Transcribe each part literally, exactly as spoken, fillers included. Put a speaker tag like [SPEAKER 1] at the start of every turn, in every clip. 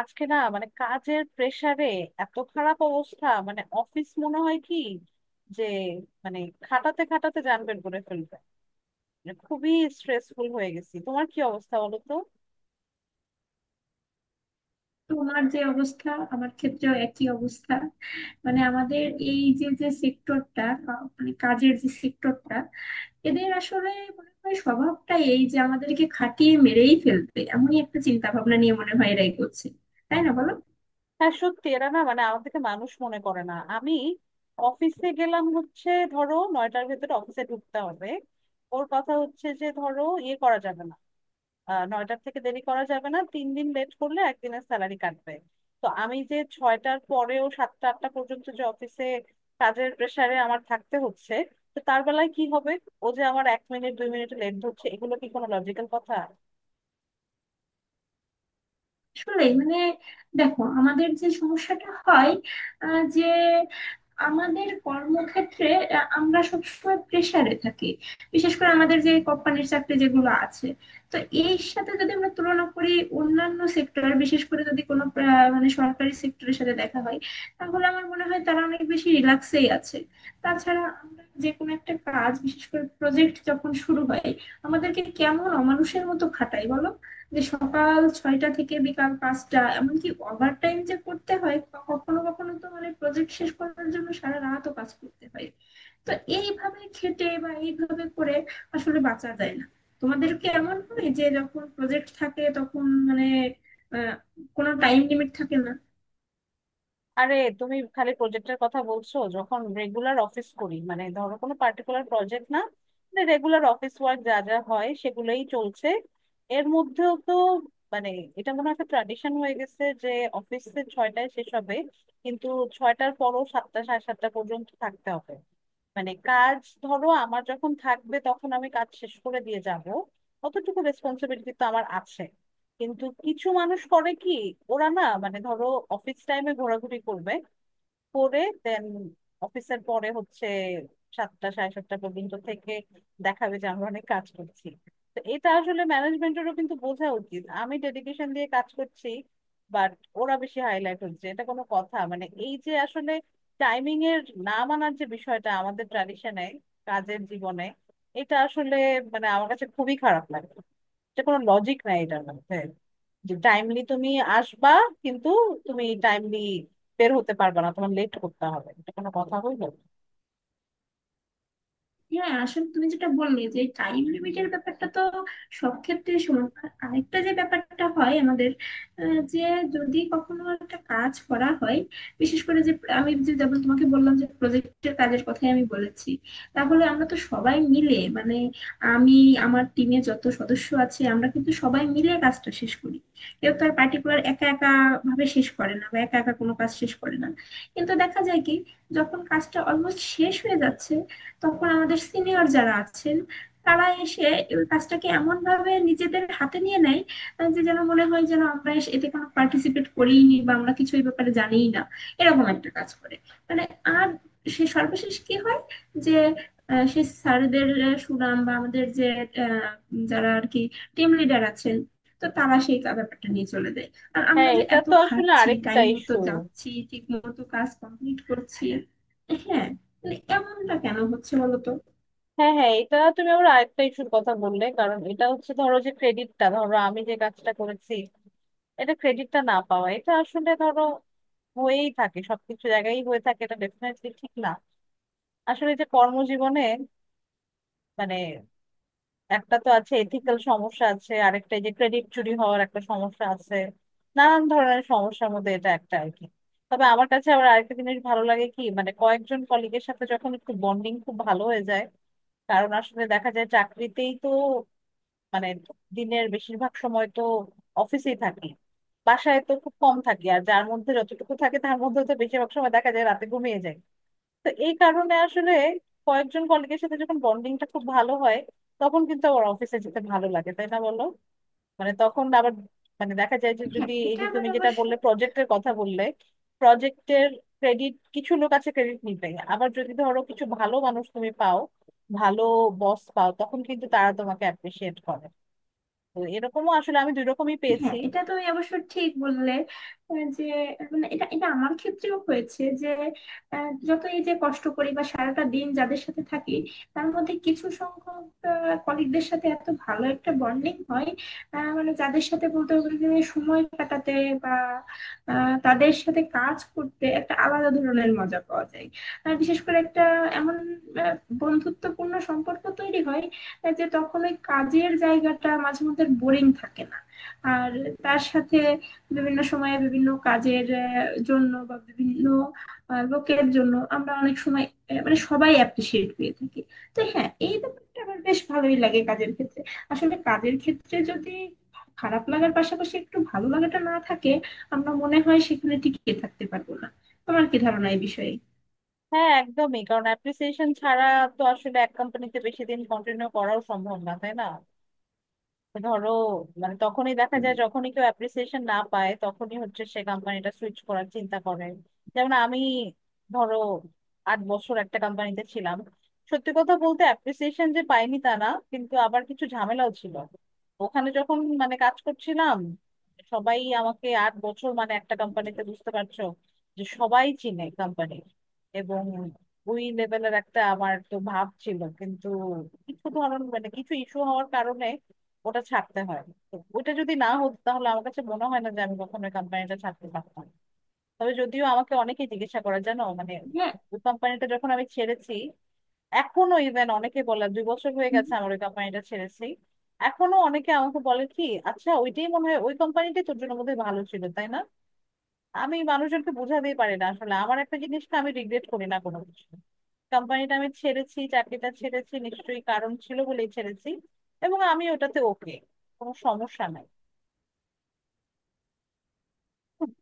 [SPEAKER 1] আজকে না মানে কাজের প্রেসারে এত খারাপ অবস্থা, মানে অফিস মনে হয় কি যে, মানে খাটাতে খাটাতে জানবেন করে ফেলবে, মানে খুবই স্ট্রেসফুল হয়ে গেছি। তোমার কি অবস্থা বলো তো?
[SPEAKER 2] তোমার যে অবস্থা, আমার ক্ষেত্রেও একই অবস্থা। মানে আমাদের এই যে যে সেক্টরটা, মানে কাজের যে সেক্টরটা, এদের আসলে মনে হয় স্বভাবটাই এই যে আমাদেরকে খাটিয়ে মেরেই ফেলবে, এমনই একটা চিন্তা ভাবনা নিয়ে মনে হয় এরা এগোচ্ছে। তাই না, বলো?
[SPEAKER 1] হ্যাঁ, সত্যি এরা না মানে আমাদেরকে মানুষ মনে করে না। আমি অফিসে গেলাম, হচ্ছে ধরো নয়টার ভেতরে অফিসে ঢুকতে হবে। ওর কথা হচ্ছে যে ধরো ইয়ে করা যাবে না, আহ নয়টার থেকে দেরি করা যাবে না, তিন দিন লেট করলে একদিনের স্যালারি কাটবে। তো আমি যে ছয়টার পরেও সাতটা আটটা পর্যন্ত যে অফিসে কাজের প্রেসারে আমার থাকতে হচ্ছে, তো তার বেলায় কি হবে? ও যে আমার এক মিনিট দুই মিনিট লেট ধরছে, এগুলো কি কোনো লজিক্যাল কথা?
[SPEAKER 2] আসলে মানে দেখো, আমাদের যে সমস্যাটা হয় আহ, যে আমাদের কর্মক্ষেত্রে আহ, আমরা সবসময় প্রেসারে থাকি, বিশেষ করে আমাদের যে কোম্পানির চাকরি যেগুলো আছে। তো এই সাথে যদি আমরা তুলনা করি অন্যান্য সেক্টর, বিশেষ করে যদি কোনো আহ, মানে সরকারি সেক্টরের সাথে দেখা হয়, তাহলে আমার মনে হয় তারা অনেক বেশি রিল্যাক্সেই আছে। তাছাড়া আমরা যে কোনো একটা কাজ, বিশেষ করে প্রজেক্ট যখন শুরু হয়, আমাদেরকে কেমন অমানুষের মতো খাটায়, বলো? যে সকাল ছয়টা থেকে বিকাল পাঁচটা, এমনকি ওভার টাইম যে করতে হয়, ক- কখনো কখনো তো মানে প্রজেক্ট শেষ করার জন্য সারা রাতও কাজ করতে হয়। তো এইভাবে খেটে বা এইভাবে করে আসলে বাঁচা যায় না। তোমাদের কি এমন হয় যে যখন প্রজেক্ট থাকে তখন মানে আহ, কোনো টাইম লিমিট থাকে না?
[SPEAKER 1] আরে, তুমি খালি প্রজেক্টের কথা বলছো। যখন রেগুলার অফিস করি মানে ধরো কোনো পার্টিকুলার প্রজেক্ট না, রেগুলার অফিস ওয়ার্ক যা যা হয় সেগুলোই চলছে। এর মধ্যেও তো মানে এটা মনে হয় একটা ট্র্যাডিশন হয়ে গেছে যে অফিসে ছয়টায় শেষ হবে, কিন্তু ছয়টার পরও সাতটা সাড়ে সাতটা পর্যন্ত থাকতে হবে। মানে কাজ ধরো আমার যখন থাকবে তখন আমি কাজ শেষ করে দিয়ে যাব, অতটুকু রেসপন্সিবিলিটি তো আমার আছে। কিন্তু কিছু মানুষ করে কি, ওরা না মানে ধরো অফিস টাইমে ঘোরাঘুরি করবে, করে দেন অফিসের পরে হচ্ছে সাতটা সাড়ে সাতটা পর্যন্ত থেকে দেখাবে যে আমরা অনেক কাজ করছি। তো এটা আসলে ম্যানেজমেন্টেরও কিন্তু বোঝা উচিত আমি ডেডিকেশন দিয়ে কাজ করছি, বাট ওরা বেশি হাইলাইট হচ্ছে, এটা কোনো কথা? মানে এই যে আসলে টাইমিং এর না মানার যে বিষয়টা আমাদের ট্র্যাডিশনে, কাজের জীবনে, এটা আসলে মানে আমার কাছে খুবই খারাপ লাগে। এটা কোনো লজিক নাই এটার মধ্যে, যে টাইমলি তুমি আসবা, কিন্তু তুমি টাইমলি বের হতে পারবা না, তোমার লেট করতে হবে, এটা কোনো কথা হইলো?
[SPEAKER 2] হ্যাঁ, আসলে তুমি যেটা বললে যে টাইম লিমিটের ব্যাপারটা তো সব ক্ষেত্রে সমান। আর আরেকটা যে ব্যাপারটা হয় আমাদের, আহ, যে যদি কখনো একটা কাজ করা হয়, বিশেষ করে যে আমি, যে যেমন তোমাকে বললাম যে প্রজেক্টের কাজের কথাই আমি বলেছি, তাহলে আমরা তো সবাই মিলে মানে, আমি, আমার টিমে যত সদস্য আছে, আমরা কিন্তু সবাই মিলে কাজটা শেষ করি। কেউ তো আর পার্টিকুলার একা একা ভাবে শেষ করে না বা একা একা কোনো কাজ শেষ করে না। কিন্তু দেখা যায় কি, যখন কাজটা অলমোস্ট শেষ হয়ে যাচ্ছে, তখন আমাদের সিনিয়র যারা আছেন, তারা এসে ওই কাজটাকে এমন ভাবে নিজেদের হাতে নিয়ে নেয় আহ, যে যেন মনে হয় যেন আমরা এস- এতে কোনো পার্টিসিপেট করিনি বা আমরা কিছু এই ব্যাপারে জানিই না, এরকম একটা কাজ করে। মানে, আর সে সর্বশেষ কি হয় যে আহ, সে স্যারদের আহ, সুনাম বা আমাদের যে আহ, যারা আর কি টিম লিডার আছেন, তো তারা সেই কা- ব্যাপারটা নিয়ে চলে যায়। আর আমরা
[SPEAKER 1] হ্যাঁ,
[SPEAKER 2] যে
[SPEAKER 1] এটা
[SPEAKER 2] এত
[SPEAKER 1] তো আসলে
[SPEAKER 2] খাচ্ছি,
[SPEAKER 1] আরেকটা
[SPEAKER 2] টাইম মতো
[SPEAKER 1] ইস্যু।
[SPEAKER 2] যাচ্ছি, ঠিক মতো কাজ কমপ্লিট করছি। হ্যাঁ, মানে এমনটা কেন হচ্ছে, বলতো?
[SPEAKER 1] হ্যাঁ হ্যাঁ, এটা তুমি আবার আরেকটা ইস্যুর কথা বললে, কারণ এটা হচ্ছে ধরো যে ক্রেডিটটা, ধরো আমি যে কাজটা করেছি এটা, ক্রেডিটটা না পাওয়া এটা আসলে ধরো হয়েই থাকে, সবকিছু জায়গায় হয়ে থাকে, এটা ডেফিনেটলি ঠিক না। আসলে যে কর্মজীবনে মানে একটা তো আছে এথিক্যাল সমস্যা আছে, আরেকটা এই যে ক্রেডিট চুরি হওয়ার একটা সমস্যা আছে, নানান ধরনের সমস্যার মধ্যে এটা একটা আর কি। তবে আমার কাছে আবার আরেকটা জিনিস ভালো লাগে কি, মানে কয়েকজন কলিগের সাথে যখন একটু বন্ডিং খুব ভালো হয়ে যায়, কারণ আসলে দেখা যায় চাকরিতেই তো মানে দিনের বেশিরভাগ সময় তো অফিসেই থাকি, বাসায় তো খুব কম থাকি, আর যার মধ্যে যতটুকু থাকে তার মধ্যে তো বেশিরভাগ সময় দেখা যায় রাতে ঘুমিয়ে যায়। তো এই কারণে আসলে কয়েকজন কলিগের সাথে যখন বন্ডিংটা খুব ভালো হয় তখন কিন্তু আমার অফিসে যেতে ভালো লাগে, তাই না বলো? মানে তখন আবার, মানে দেখা যায় যে,
[SPEAKER 2] হ্যাঁ,
[SPEAKER 1] যদি এই
[SPEAKER 2] এটা
[SPEAKER 1] যে
[SPEAKER 2] আমার
[SPEAKER 1] তুমি যেটা
[SPEAKER 2] অবশ্য।
[SPEAKER 1] বললে প্রজেক্টের কথা বললে, প্রজেক্টের ক্রেডিট কিছু লোক আছে ক্রেডিট নিতে, আবার যদি ধরো কিছু ভালো মানুষ তুমি পাও, ভালো বস পাও, তখন কিন্তু তারা তোমাকে অ্যাপ্রিসিয়েট করে। তো এরকমও আসলে আমি দুই রকমই পেয়েছি।
[SPEAKER 2] হ্যাঁ, এটা তুমি অবশ্য ঠিক বললে। আহ, যে মানে এটা এটা আমার ক্ষেত্রেও হয়েছে যে আহ, যত এই যে কষ্ট করি বা সারাটা দিন যাদের সাথে থাকি, তার মধ্যে কিছু সংখ্যক কলিগদের সাথে এত ভালো একটা বন্ডিং হয়, আহ, মানে যাদের সাথে বলতে গেলে যে সময় কাটাতে বা আহ, তাদের সাথে কাজ করতে একটা আলাদা ধরনের মজা পাওয়া যায়। আর বিশেষ করে একটা এমন আহ, বন্ধুত্বপূর্ণ সম্পর্ক তৈরি হয় আহ, যে তখন ওই কাজের জায়গাটা মাঝে মধ্যে বোরিং থাকে না। আর তার সাথে বিভিন্ন সময়ে বিভিন্ন কাজের আহ, জন্য বা বিভিন্ন আহ, লোকের জন্য আমরা অনেক সময় আহ, মানে সবাই অ্যাপ্রিসিয়েট পেয়ে থাকি। তো হ্যাঁ, এই ব্যাপারটা আমার বেশ ভালোই লাগে কাজের ক্ষেত্রে। আসলে কাজের ক্ষেত্রে যদি খারাপ লাগার পাশাপাশি একটু ভালো লাগাটা না থাকে, আমরা মনে হয় সেখানে টিকে থাকতে পারবো না। তোমার কি ধারণা এই বিষয়ে?
[SPEAKER 1] হ্যাঁ একদমই, কারণ অ্যাপ্রিসিয়েশন ছাড়া তো আসলে এক কোম্পানিতে বেশি দিন কন্টিনিউ করাও সম্ভব না, তাই না? ধরো, মানে তখনই দেখা
[SPEAKER 2] হুম।
[SPEAKER 1] যায় যখনই কেউ অ্যাপ্রিসিয়েশন না পায় তখনই হচ্ছে সে কোম্পানিটা সুইচ করার চিন্তা করে। যেমন আমি ধরো আট বছর একটা কোম্পানিতে ছিলাম, সত্যি কথা বলতে অ্যাপ্রিসিয়েশন যে পাইনি তা না, কিন্তু আবার কিছু ঝামেলাও ছিল। ওখানে যখন মানে কাজ করছিলাম, সবাই আমাকে আট বছর মানে একটা কোম্পানিতে, বুঝতে পারছো যে সবাই চিনে কোম্পানি, এবং ওই লেভেলের একটা আমার তো ভাব ছিল, কিন্তু কিছু ধরন মানে কিছু ইস্যু হওয়ার কারণে ওটা ছাড়তে হয়। তো ওটা যদি না হতো তাহলে আমার কাছে মনে হয় না যে আমি কখনো কোম্পানিটা ছাড়তে পারতাম। তবে যদিও আমাকে অনেকেই জিজ্ঞাসা করে, জানো মানে,
[SPEAKER 2] হ্যাঁ,
[SPEAKER 1] ওই কোম্পানিটা যখন আমি ছেড়েছি, এখনো ইভেন অনেকে বলে, দুই বছর হয়ে গেছে আমার ওই কোম্পানিটা ছেড়েছি, এখনো অনেকে আমাকে বলে কি, আচ্ছা ওইটাই মনে হয়, ওই কোম্পানিটাই তোর জন্য বোধহয় ভালো ছিল, তাই না? আমি মানুষজনকে বোঝাতেই পারি না আসলে, আমার একটা জিনিসটা আমি রিগ্রেট করি না কোনো কিছু। কোম্পানিটা আমি ছেড়েছি, চাকরিটা ছেড়েছি, নিশ্চয়ই কারণ ছিল বলেই ছেড়েছি, এবং আমি ওটাতে ওকে, কোনো সমস্যা নাই।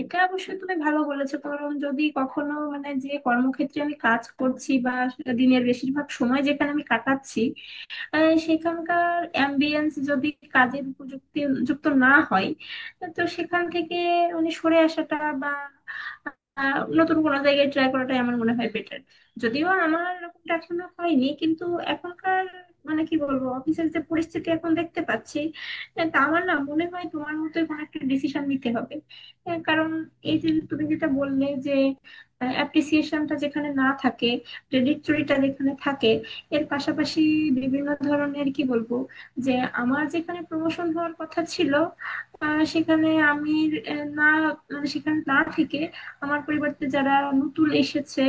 [SPEAKER 2] এটা অবশ্যই তুমি ভালো বলেছো, কারণ যদি কখনো মানে যে কর্মক্ষেত্রে আমি কাজ করছি বা সেটা দিনের বেশিরভাগ সময় যেখানে আমি কাটাচ্ছি, আহ, সেখানকার অ্যাম্বিয়েন্স যদি কাজের উপযুক্তি যুক্ত না হয়, তো সেখান থেকে উনি সরে আসাটা বা আহ, নতুন কোনো জায়গায় ট্রাই করাটাই আমার মনে হয় বেটার। যদিও আমার এরকমটা এখনো হয়নি, কিন্তু এখনকার, মানে কি বলবো, অফিসের যে পরিস্থিতি এখন দেখতে পাচ্ছি, আহ, তা আমার না মনে হয় তোমার মতোই কোনো একটা ডিসিশন নিতে হবে। আহ, কারণ এই যে তুমি যেটা বললে যে অ্যাপ্রিসিয়েশনটা যেখানে না থাকে, ক্রেডিটরিটা যেখানে থাকে, এর পাশাপাশি বিভিন্ন ধরনের, কি বলবো, যে আমার যেখানে প্রমোশন হওয়ার কথা ছিল, আহ, সেখানে আমি আহ, না, মানে সেখানে না থেকে আমার পরিবর্তে যারা নতুন এসেছে,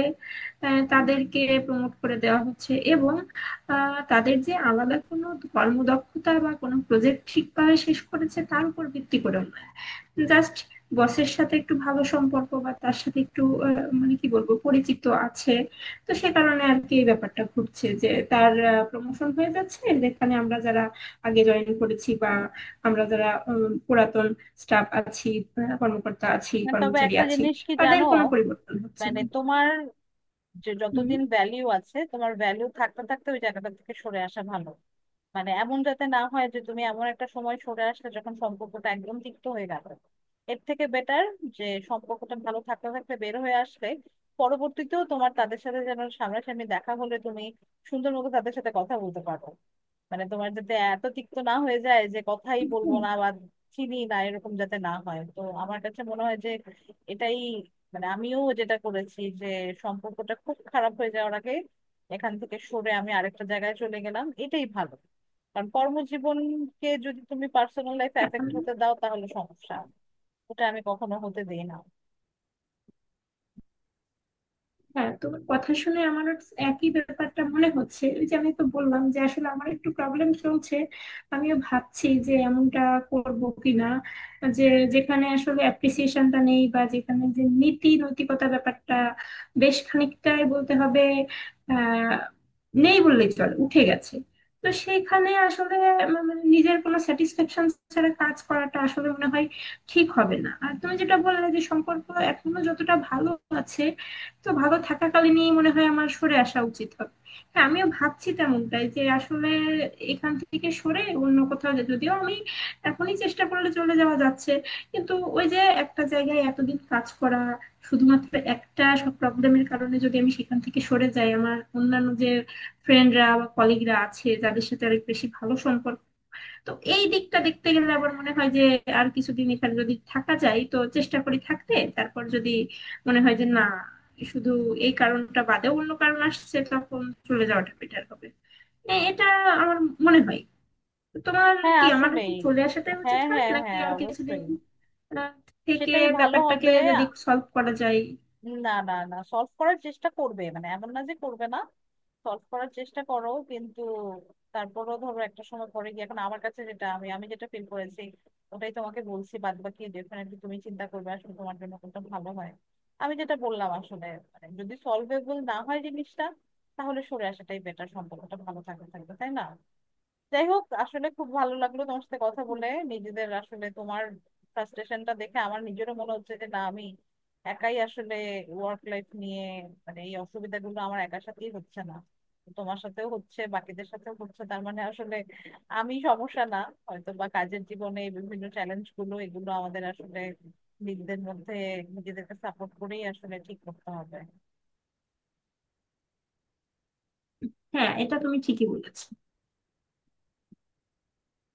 [SPEAKER 2] আহ, তাদেরকে প্রমোট করে দেওয়া হচ্ছে। এবং আহ, তাদের যে আলাদা কোনো কর্মদক্ষতা বা কোনো প্রজেক্ট ঠিকভাবে শেষ করেছে তার উপর ভিত্তি করেও নয়, জাস্ট বসের সাথে একটু ভালো সম্পর্ক বা তার সাথে একটু আহ, মানে কি বলবো পরিচিত আছে। তো সে কারণে আর কি এই ব্যাপারটা ঘটছে যে তার প্রমোশন হয়ে যাচ্ছে, যেখানে আমরা যারা আগে জয়েন করেছি বা আমরা যারা উম, পুরাতন স্টাফ আছি, আহ, কর্মকর্তা আছি,
[SPEAKER 1] তবে
[SPEAKER 2] কর্মচারী
[SPEAKER 1] একটা
[SPEAKER 2] আছি,
[SPEAKER 1] জিনিস কি
[SPEAKER 2] তাদের
[SPEAKER 1] জানো,
[SPEAKER 2] কোনো পরিবর্তন হচ্ছে
[SPEAKER 1] মানে
[SPEAKER 2] না।
[SPEAKER 1] তোমার, যে
[SPEAKER 2] হুম।
[SPEAKER 1] যতদিন ভ্যালিউ আছে, তোমার ভ্যালিউ থাকতে থাকতে ওই জায়গাটা থেকে সরে আসা ভালো। মানে এমন যাতে না হয় যে তুমি এমন একটা সময় সরে আসলে যখন সম্পর্কটা একদম তিক্ত হয়ে গেল। এর থেকে বেটার যে সম্পর্কটা ভালো থাকতে থাকতে বের হয়ে আসলে পরবর্তীতেও তোমার তাদের সাথে যেন সামনাসামনি দেখা হলে তুমি সুন্দর মতো তাদের সাথে কথা বলতে পারো। মানে তোমার যাতে এত তিক্ত না হয়ে যায় যে কথাই বলবো
[SPEAKER 2] হুম।
[SPEAKER 1] না, বা চিনি না, এরকম যাতে না হয়। তো আমার কাছে মনে হয় যে এটাই, মানে আমিও যেটা করেছি, যে সম্পর্কটা খুব খারাপ হয়ে যাওয়ার আগে এখান থেকে সরে আমি আরেকটা জায়গায় চলে গেলাম, এটাই ভালো। কারণ কর্মজীবনকে যদি তুমি পার্সোনাল লাইফ
[SPEAKER 2] এখন
[SPEAKER 1] এফেক্ট হতে দাও তাহলে সমস্যা, ওটা আমি কখনো হতে দিই না।
[SPEAKER 2] হ্যাঁ, তোমার কথা শুনে আমারও একই ব্যাপারটা মনে হচ্ছে। ওই যে আমি তো বললাম যে আসলে আমার একটু প্রবলেম চলছে, আমিও ভাবছি যে এমনটা করব কিনা, যে যেখানে আসলে অ্যাপ্রিসিয়েশনটা নেই বা যেখানে যে নীতি নৈতিকতা ব্যাপারটা বেশ খানিকটাই, বলতে হবে, আহ নেই বললেই চলে, উঠে গেছে। তো সেখানে আসলে আমার মানে নিজের কোনো স্যাটিসফ্যাকশন ছাড়া কাজ করাটা আসলে মনে হয় ঠিক হবে না। আর তুমি যেটা বললে যে সম্পর্ক এখনো যতটা ভালো আছে, তো ভালো থাকাকালীনই মনে হয় আমার সরে আসা উচিত হবে। হ্যাঁ, আমিও ভাবছি তেমনটাই, যে আসলে এখান থেকে সরে অন্য কোথাও যে- যদিও আমি এখনই চেষ্টা করলে চলে যাওয়া যাচ্ছে, কিন্তু ওই যে একটা জায়গায় এতদিন কাজ করা, শুধুমাত্র একটা সব প্রবলেমের কারণে যদি আমি সেখান থেকে সরে যাই, আমার অন্যান্য যে ফ্রেন্ডরা বা কলিগরা আছে যাদের সাথে অনেক বেশি ভালো সম্পর্ক, তো এই দিকটা দেখতে গেলে আবার মনে হয় যে আর কিছুদিন এখানে যদি থাকা যায় তো চেষ্টা করি থাকতে, তারপর যদি মনে হয় যে না, শুধু এই কারণটা বাদেও অন্য কারণ আসছে, তখন চলে যাওয়াটা বেটার হবে। এ- এটা আমার মনে হয়। তো তোমার
[SPEAKER 1] হ্যাঁ
[SPEAKER 2] কি, আমার কি
[SPEAKER 1] আসলেই।
[SPEAKER 2] চলে আসাটাই উচিত
[SPEAKER 1] হ্যাঁ
[SPEAKER 2] হয়
[SPEAKER 1] হ্যাঁ
[SPEAKER 2] নাকি
[SPEAKER 1] হ্যাঁ,
[SPEAKER 2] আর কিছুদিন
[SPEAKER 1] অবশ্যই।
[SPEAKER 2] আহ, থেকে
[SPEAKER 1] সেটাই ভালো
[SPEAKER 2] ব্যাপারটাকে
[SPEAKER 1] হবে।
[SPEAKER 2] যদি সলভ করা যায়?
[SPEAKER 1] না না না, সলভ করার চেষ্টা করবে, মানে এমন না যে করবে না, সলভ করার চেষ্টা করো, কিন্তু তারপরও ধরো একটা সময় পরে গিয়ে, এখন আমার কাছে যেটা, আমি আমি যেটা ফিল করেছি, ওটাই তোমাকে বলছি, বাদ বাকি ডেফিনেটলি তুমি চিন্তা করবে আসলে তোমার জন্য কোনটা ভালো হয়। আমি যেটা বললাম আসলে, মানে যদি সলভেবল না হয় জিনিসটা তাহলে সরে আসাটাই বেটার, সম্পর্কটা ভালো থাকবে থাকবে, তাই না? যাই হোক, আসলে খুব ভালো লাগলো তোমার সাথে কথা বলে। নিজেদের আসলে তোমার ফ্রাস্ট্রেশনটা দেখে আমার নিজেরও মনে হচ্ছে যে না, আমি একাই আসলে ওয়ার্ক লাইফ নিয়ে, মানে এই অসুবিধাগুলো আমার একার সাথেই হচ্ছে না, তোমার সাথেও হচ্ছে, বাকিদের সাথেও হচ্ছে, তার মানে আসলে আমি সমস্যা না, হয়তো বা কাজের জীবনে এই বিভিন্ন চ্যালেঞ্জ গুলো এগুলো আমাদের আসলে নিজেদের মধ্যে নিজেদেরকে সাপোর্ট করেই আসলে ঠিক করতে হবে।
[SPEAKER 2] হ্যাঁ, এটা তুমি ঠিকই বলেছ।